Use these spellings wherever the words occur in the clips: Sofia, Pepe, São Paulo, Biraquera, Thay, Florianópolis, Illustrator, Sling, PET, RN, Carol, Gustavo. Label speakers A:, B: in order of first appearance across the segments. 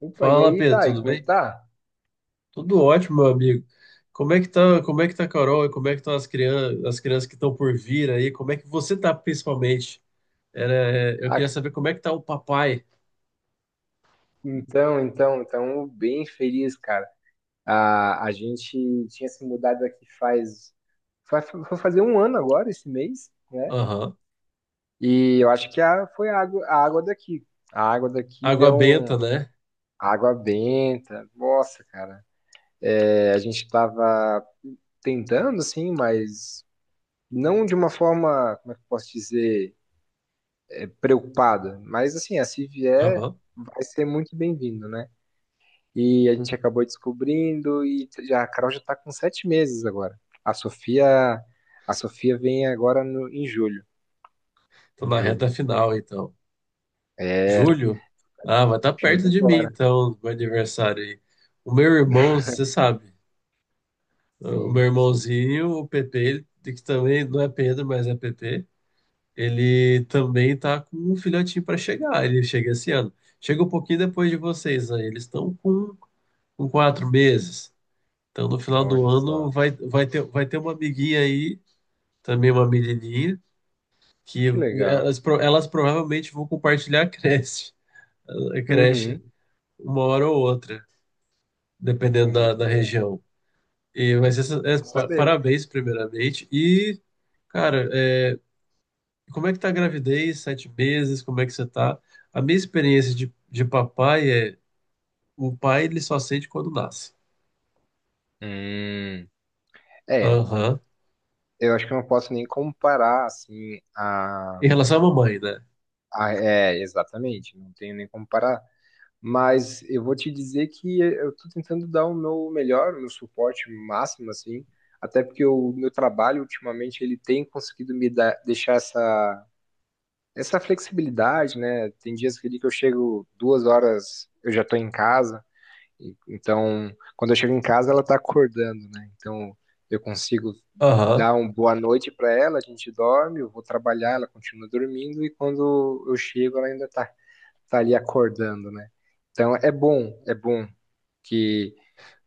A: Opa, e
B: Fala,
A: aí,
B: Pedro,
A: Thay,
B: tudo
A: como é que
B: bem?
A: tá?
B: Tudo ótimo, meu amigo. Como é que tá, como é que tá a Carol e como é que estão as crianças que estão por vir aí? Como é que você tá principalmente? Eu
A: Ah,
B: queria saber como é que tá o papai.
A: então, bem feliz, cara. A gente tinha se mudado aqui vai fazer um ano agora, esse mês, né?
B: Aham.
A: E eu acho que foi a água daqui. A água daqui
B: Água
A: deu
B: benta, né?
A: água benta. Nossa, cara. É, a gente tava tentando, assim, mas não de uma forma, como é que eu posso dizer, preocupada. Mas, assim, a se vier,
B: Aham.
A: vai ser muito bem-vindo, né? E a gente acabou descobrindo e já, a Carol já está com 7 meses agora. A Sofia, a Sofia vem agora em julho.
B: Tô
A: Em
B: na reta
A: julho.
B: final, então.
A: É,
B: Julho? Ah, mas tá perto
A: julho
B: de mim,
A: agora.
B: então, meu aniversário aí. O meu irmão, você sabe, o meu
A: Sim, sim.
B: irmãozinho, o Pepe, ele, que também não é Pedro, mas é Pepe. Ele também tá com um filhotinho para chegar. Ele chega esse ano. Chega um pouquinho depois de vocês, né? Com 4 meses. Então, no final do
A: Olha
B: ano,
A: só.
B: vai ter uma amiguinha aí, também uma menininha, que
A: Que legal.
B: elas provavelmente vão compartilhar a creche
A: Uhum.
B: uma hora ou outra, dependendo
A: Muito
B: da
A: bom.
B: região. E vai ser,
A: Bom saber.
B: parabéns, primeiramente. E, cara, é, e como é que tá a gravidez? 7 meses? Como é que você tá? A minha experiência de papai é o pai ele só sente quando nasce.
A: Hum, é,
B: Aham.
A: eu acho que eu não posso nem comparar, assim,
B: Em relação à mamãe, né?
A: é, exatamente. Não tenho nem como comparar. Mas eu vou te dizer que eu estou tentando dar o meu melhor, o meu suporte máximo, assim, até porque o meu trabalho ultimamente ele tem conseguido me dar, deixar essa, essa flexibilidade, né? Tem dias que ali que eu chego 2 horas, eu já estou em casa, então quando eu chego em casa ela está acordando, né? Então eu consigo
B: Aham,
A: dar uma boa noite para ela, a gente dorme, eu vou trabalhar, ela continua dormindo e quando eu chego ela ainda está tá ali acordando, né? Então é bom que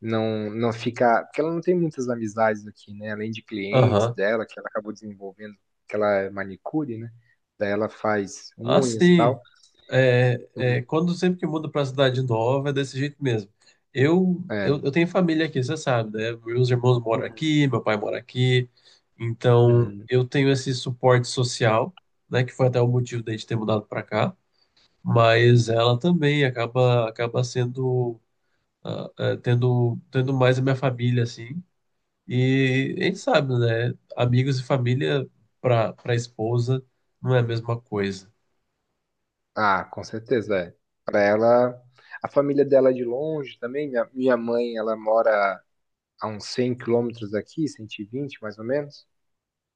A: não fica, porque ela não tem muitas amizades aqui, né? Além de clientes
B: aham.
A: dela que ela acabou desenvolvendo, que ela é manicure, né? Daí ela faz
B: Ah,
A: unhas e
B: sim.
A: tal.
B: É, é,
A: Hum.
B: quando sempre que muda para cidade nova é desse jeito mesmo.
A: É.
B: Eu tenho família aqui, você sabe, né? Meus irmãos moram
A: Uhum.
B: aqui, meu pai mora aqui. Então
A: Uhum.
B: eu tenho esse suporte social, né? Que foi até o motivo da gente ter mudado para cá. Mas ela também acaba sendo tendo mais a minha família, assim. E a gente sabe, né? Amigos e família para esposa não é a mesma coisa.
A: Ah, com certeza, é. Para ela, a família dela é de longe também. Minha mãe, ela mora a uns 100 quilômetros daqui, 120, mais ou menos,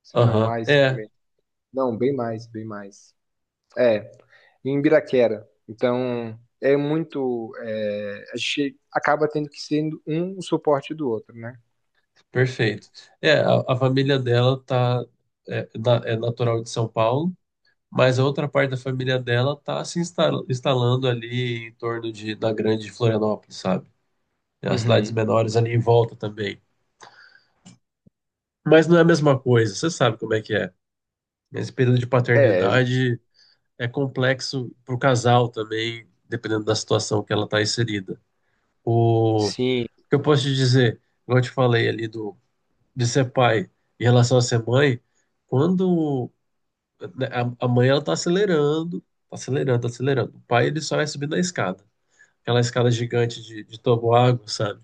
A: se não
B: Aham,
A: mais
B: é,
A: também. Não, bem mais, bem mais. É, em Biraquera. Então, é muito. É, a gente acaba tendo que sendo um o suporte do outro, né?
B: perfeito. É, a família dela tá, é natural de São Paulo, mas a outra parte da família dela tá se instalando ali em torno de, da grande Florianópolis, sabe? As cidades
A: Uhum.
B: menores ali em volta também. Mas não é a mesma coisa, você sabe como é que é. Nesse período de
A: É,
B: paternidade, é complexo para o casal também, dependendo da situação que ela está inserida. O
A: sim.
B: que eu posso te dizer, igual eu te falei ali do, de ser pai em relação a ser mãe, quando né, a mãe ela está acelerando, tá acelerando. O pai ele só vai subindo a escada, aquela escada gigante de toboágua, sabe?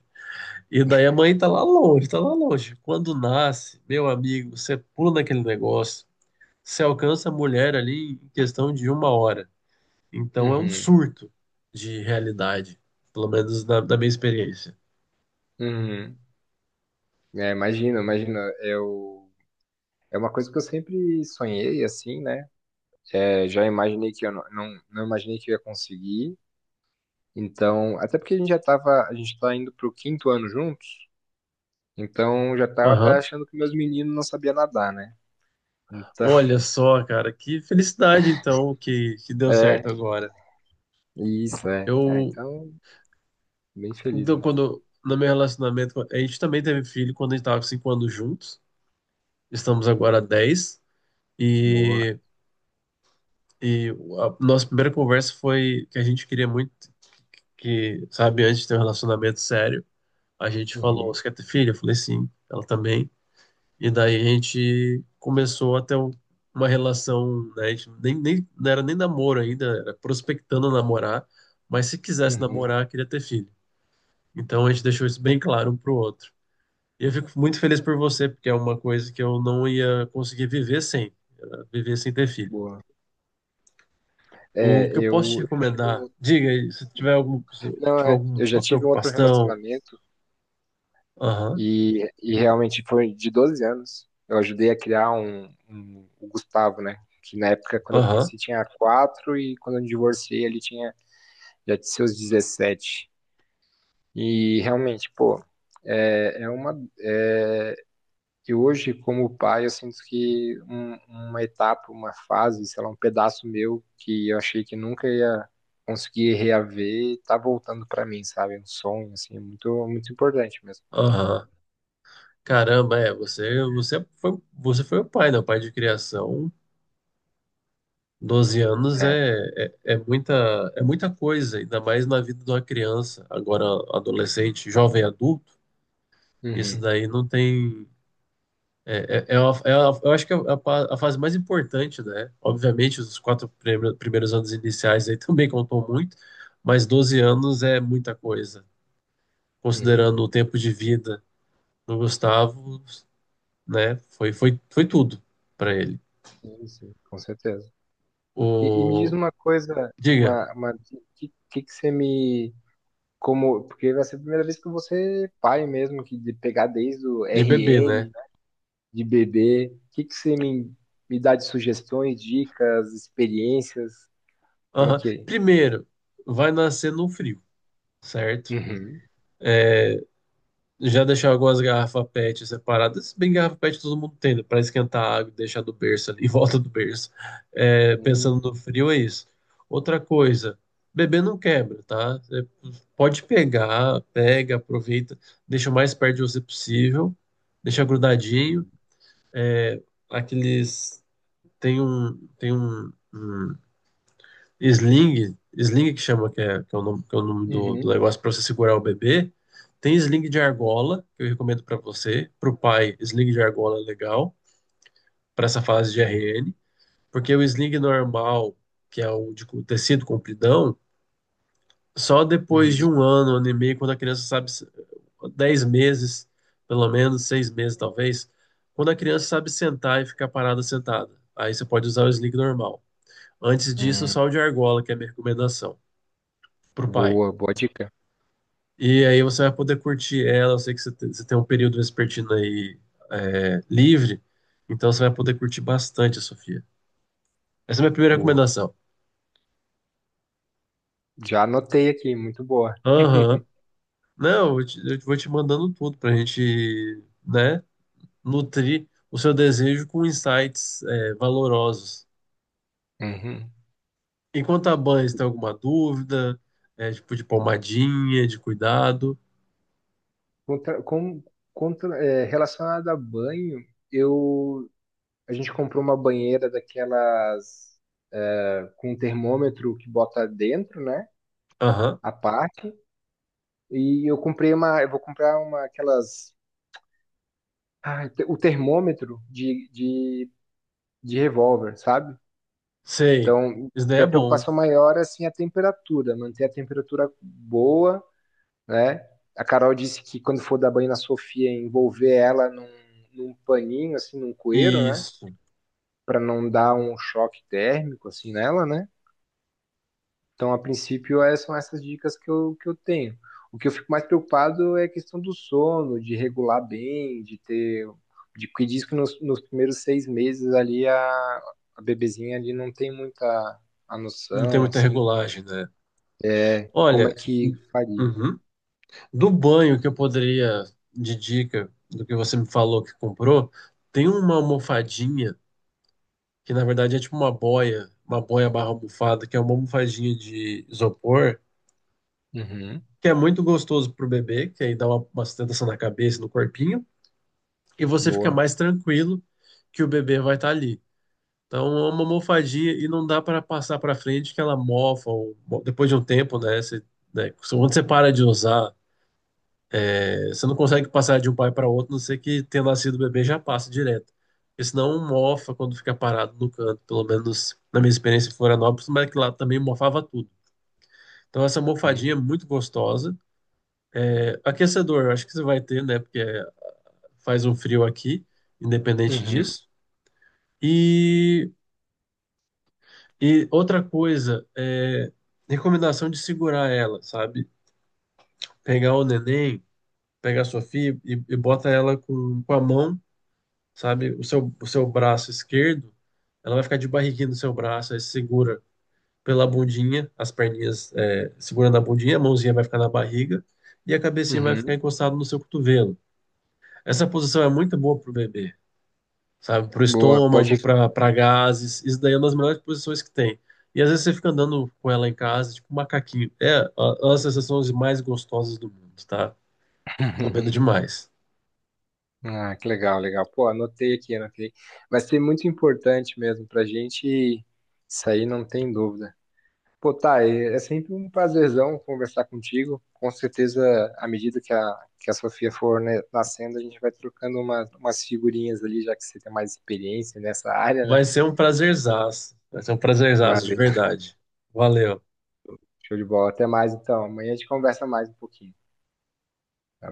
B: E daí a mãe tá lá longe, tá lá longe. Quando nasce, meu amigo, você pula naquele negócio, você alcança a mulher ali em questão de uma hora. Então é um
A: Uhum.
B: surto de realidade, pelo menos na minha experiência.
A: Uhum. É, imagina, imagina. É uma coisa que eu sempre sonhei, assim, né? É, já imaginei que eu não imaginei que eu ia conseguir. Então, até porque a gente tá indo pro quinto ano juntos, então já tava
B: Aham.
A: achando que meus meninos não sabiam nadar, né? Então,
B: Olha só, cara, que felicidade então que deu
A: é,
B: certo agora.
A: isso, é. Ah,
B: Eu,
A: então. Bem feliz mesmo.
B: no meu relacionamento, a gente também teve filho quando a gente estava com 5 anos juntos, estamos agora há 10,
A: Boa.
B: e, e a nossa primeira conversa foi que a gente queria muito que, sabe, antes de ter um relacionamento sério, a gente falou,
A: Uhum.
B: você quer ter filho? Eu falei sim, ela também. E daí a gente começou a ter uma relação, né? A gente nem, nem, não era nem namoro ainda, era prospectando namorar, mas se quisesse
A: Uhum.
B: namorar, queria ter filho. Então a gente deixou isso bem claro um pro outro. E eu fico muito feliz por você, porque é uma coisa que eu não ia conseguir viver sem, viver sem ter filho.
A: Boa.
B: O
A: É,
B: que eu posso te
A: eu já tive
B: recomendar,
A: um.
B: diga aí, se
A: Não,
B: tiver
A: é.
B: alguma
A: Eu já tive um outro
B: preocupação,
A: relacionamento
B: aham,
A: e realmente foi de 12 anos. Eu ajudei a criar o Gustavo, né? Que na época, quando eu
B: aham,
A: conheci, tinha 4, e quando eu divorciei, ele tinha já seus 17. E realmente, pô, é, uma. é, E hoje, como pai, eu sinto que uma etapa, uma fase, sei lá, um pedaço meu que eu achei que nunca ia conseguir reaver, tá voltando pra mim, sabe? Um sonho, assim, muito, muito importante mesmo.
B: aham. Caramba, é, você foi o pai, né? O pai de criação 12 anos
A: É.
B: é, é muita, é muita coisa, ainda mais na vida de uma criança, agora adolescente, jovem adulto. Isso
A: Uhum.
B: daí não tem. É uma- eu acho que é a fase mais importante, né? Obviamente, os quatro primeiros anos iniciais aí também contou muito, mas 12 anos é muita coisa.
A: Uhum.
B: Considerando o tempo de vida do Gustavo, né? Foi tudo para ele.
A: Sim, sim, com certeza. E me diz
B: O,
A: uma coisa,
B: diga,
A: que você como, porque vai ser a primeira vez que eu vou ser pai mesmo, que de pegar desde o
B: de bebê, né?
A: RN, de bebê. O que que você me dá de sugestões, dicas, experiências? Como é
B: Aham.
A: que é?
B: Primeiro, vai nascer no frio, certo?
A: Uhum.
B: Já deixar algumas garrafas PET separadas, se bem que garrafa PET todo mundo tem, né? Para esquentar a água e deixar do berço ali, em volta do berço. É, pensando
A: Hum.
B: no frio, é isso. Outra coisa, bebê não quebra, tá? Você pode pegar, pega, aproveita, deixa o mais perto de você possível, deixa grudadinho.
A: Uhum.
B: É, aqueles. Tem um, tem um sling, sling que chama, que é o nome, que é o nome do
A: Uhum.
B: negócio para você segurar o bebê. Tem sling de
A: Boa,
B: argola, que eu recomendo para você. Para o pai, sling de argola é legal, para essa fase de
A: boa.
B: RN, porque o sling normal, que é o de tecido compridão, só depois
A: Uhum.
B: de um ano, ano e meio, quando a criança sabe, se- 10 meses, pelo menos, 6 meses talvez, quando a criança sabe sentar e ficar parada sentada. Aí você pode usar o sling normal. Antes disso,
A: Hum.
B: só o de argola, que é a minha recomendação, para o pai.
A: Boa, boa dica.
B: E aí você vai poder curtir ela. Eu sei que você você tem um período vespertino aí livre, então você vai poder curtir bastante a Sofia. Essa é a minha primeira
A: Boa.
B: recomendação.
A: Já anotei aqui, muito boa.
B: Aham. Não, eu vou te mandando tudo pra gente, né, nutrir o seu desejo com insights valorosos.
A: Uhum.
B: Enquanto a banha, você tem alguma dúvida, tipo de pomadinha, de cuidado.
A: Contra, com, é, relacionado a banho, eu, a gente comprou uma banheira daquelas, é, com um termômetro que bota dentro, né?
B: Aham.
A: A parte. E eu comprei uma, eu vou comprar uma aquelas, o termômetro de revólver, sabe?
B: Sei.
A: Então,
B: Isso daí é
A: minha
B: bom.
A: preocupação maior é assim, a temperatura, manter a temperatura boa, né? A Carol disse que quando for dar banho na Sofia, envolver ela num paninho, assim, num cueiro, né?
B: Isso.
A: Para não dar um choque térmico, assim, nela, né? Então, a princípio, são essas dicas que eu tenho. O que eu fico mais preocupado é a questão do sono, de regular bem, de ter. De, que diz que nos primeiros 6 meses ali a bebezinha ali não tem muita a
B: Não tem
A: noção,
B: muita
A: assim,
B: regulagem, né?
A: como é
B: Olha.
A: que
B: Hum,
A: faria.
B: uhum. Do banho que eu poderia, de dica do que você me falou que comprou, tem uma almofadinha que na verdade é tipo uma boia barra almofada, que é uma almofadinha de isopor,
A: Uhum,
B: que é muito gostoso pro bebê, que aí dá uma sustentação na cabeça, e no corpinho, e você fica
A: boa.
B: mais tranquilo que o bebê vai estar ali. Então é uma almofadinha e não dá para passar para frente que ela mofa ou, bom, depois de um tempo, né, você, né, quando você para de usar. É, você não consegue passar de um pai para outro, a não ser que tenha nascido o bebê já passa direto. Porque senão um mofa quando fica parado no canto, pelo menos na minha experiência em Florianópolis, mas que lá também mofava tudo. Então essa
A: Uhum,
B: mofadinha é muito gostosa. É, aquecedor, eu acho que você vai ter, né? Porque é, faz um frio aqui, independente
A: uhum,
B: disso. E, e outra coisa, é recomendação de segurar ela, sabe? Pegar o neném, pegar a Sofia e bota ela com a mão, sabe? O seu braço esquerdo, ela vai ficar de barriguinha no seu braço, aí você segura pela bundinha, as perninhas é, segurando a bundinha, a mãozinha vai ficar na barriga e a cabecinha vai ficar
A: uhum,
B: encostada no seu cotovelo. Essa posição é muito boa pro bebê, sabe? Pro
A: boa, boa
B: estômago,
A: dica.
B: pra para gases, isso daí é uma das melhores posições que tem. E às vezes você fica andando com ela em casa, tipo um macaquinho. É uma das sensações mais gostosas do mundo, tá? Recomendo demais.
A: Ah, que legal, legal. Pô, anotei aqui, anotei. Vai ser muito importante mesmo pra gente, isso aí não tem dúvida. Pô, Thay, é sempre um prazerzão conversar contigo. Com certeza, à medida que que a Sofia for, né, nascendo, a gente vai trocando umas figurinhas ali, já que você tem mais experiência nessa área, né?
B: Vai ser um prazerzaço. Vai ser um prazerzaço, de
A: Valeu,
B: verdade. Valeu.
A: show de bola. Até mais, então. Amanhã a gente conversa mais um pouquinho. Tá?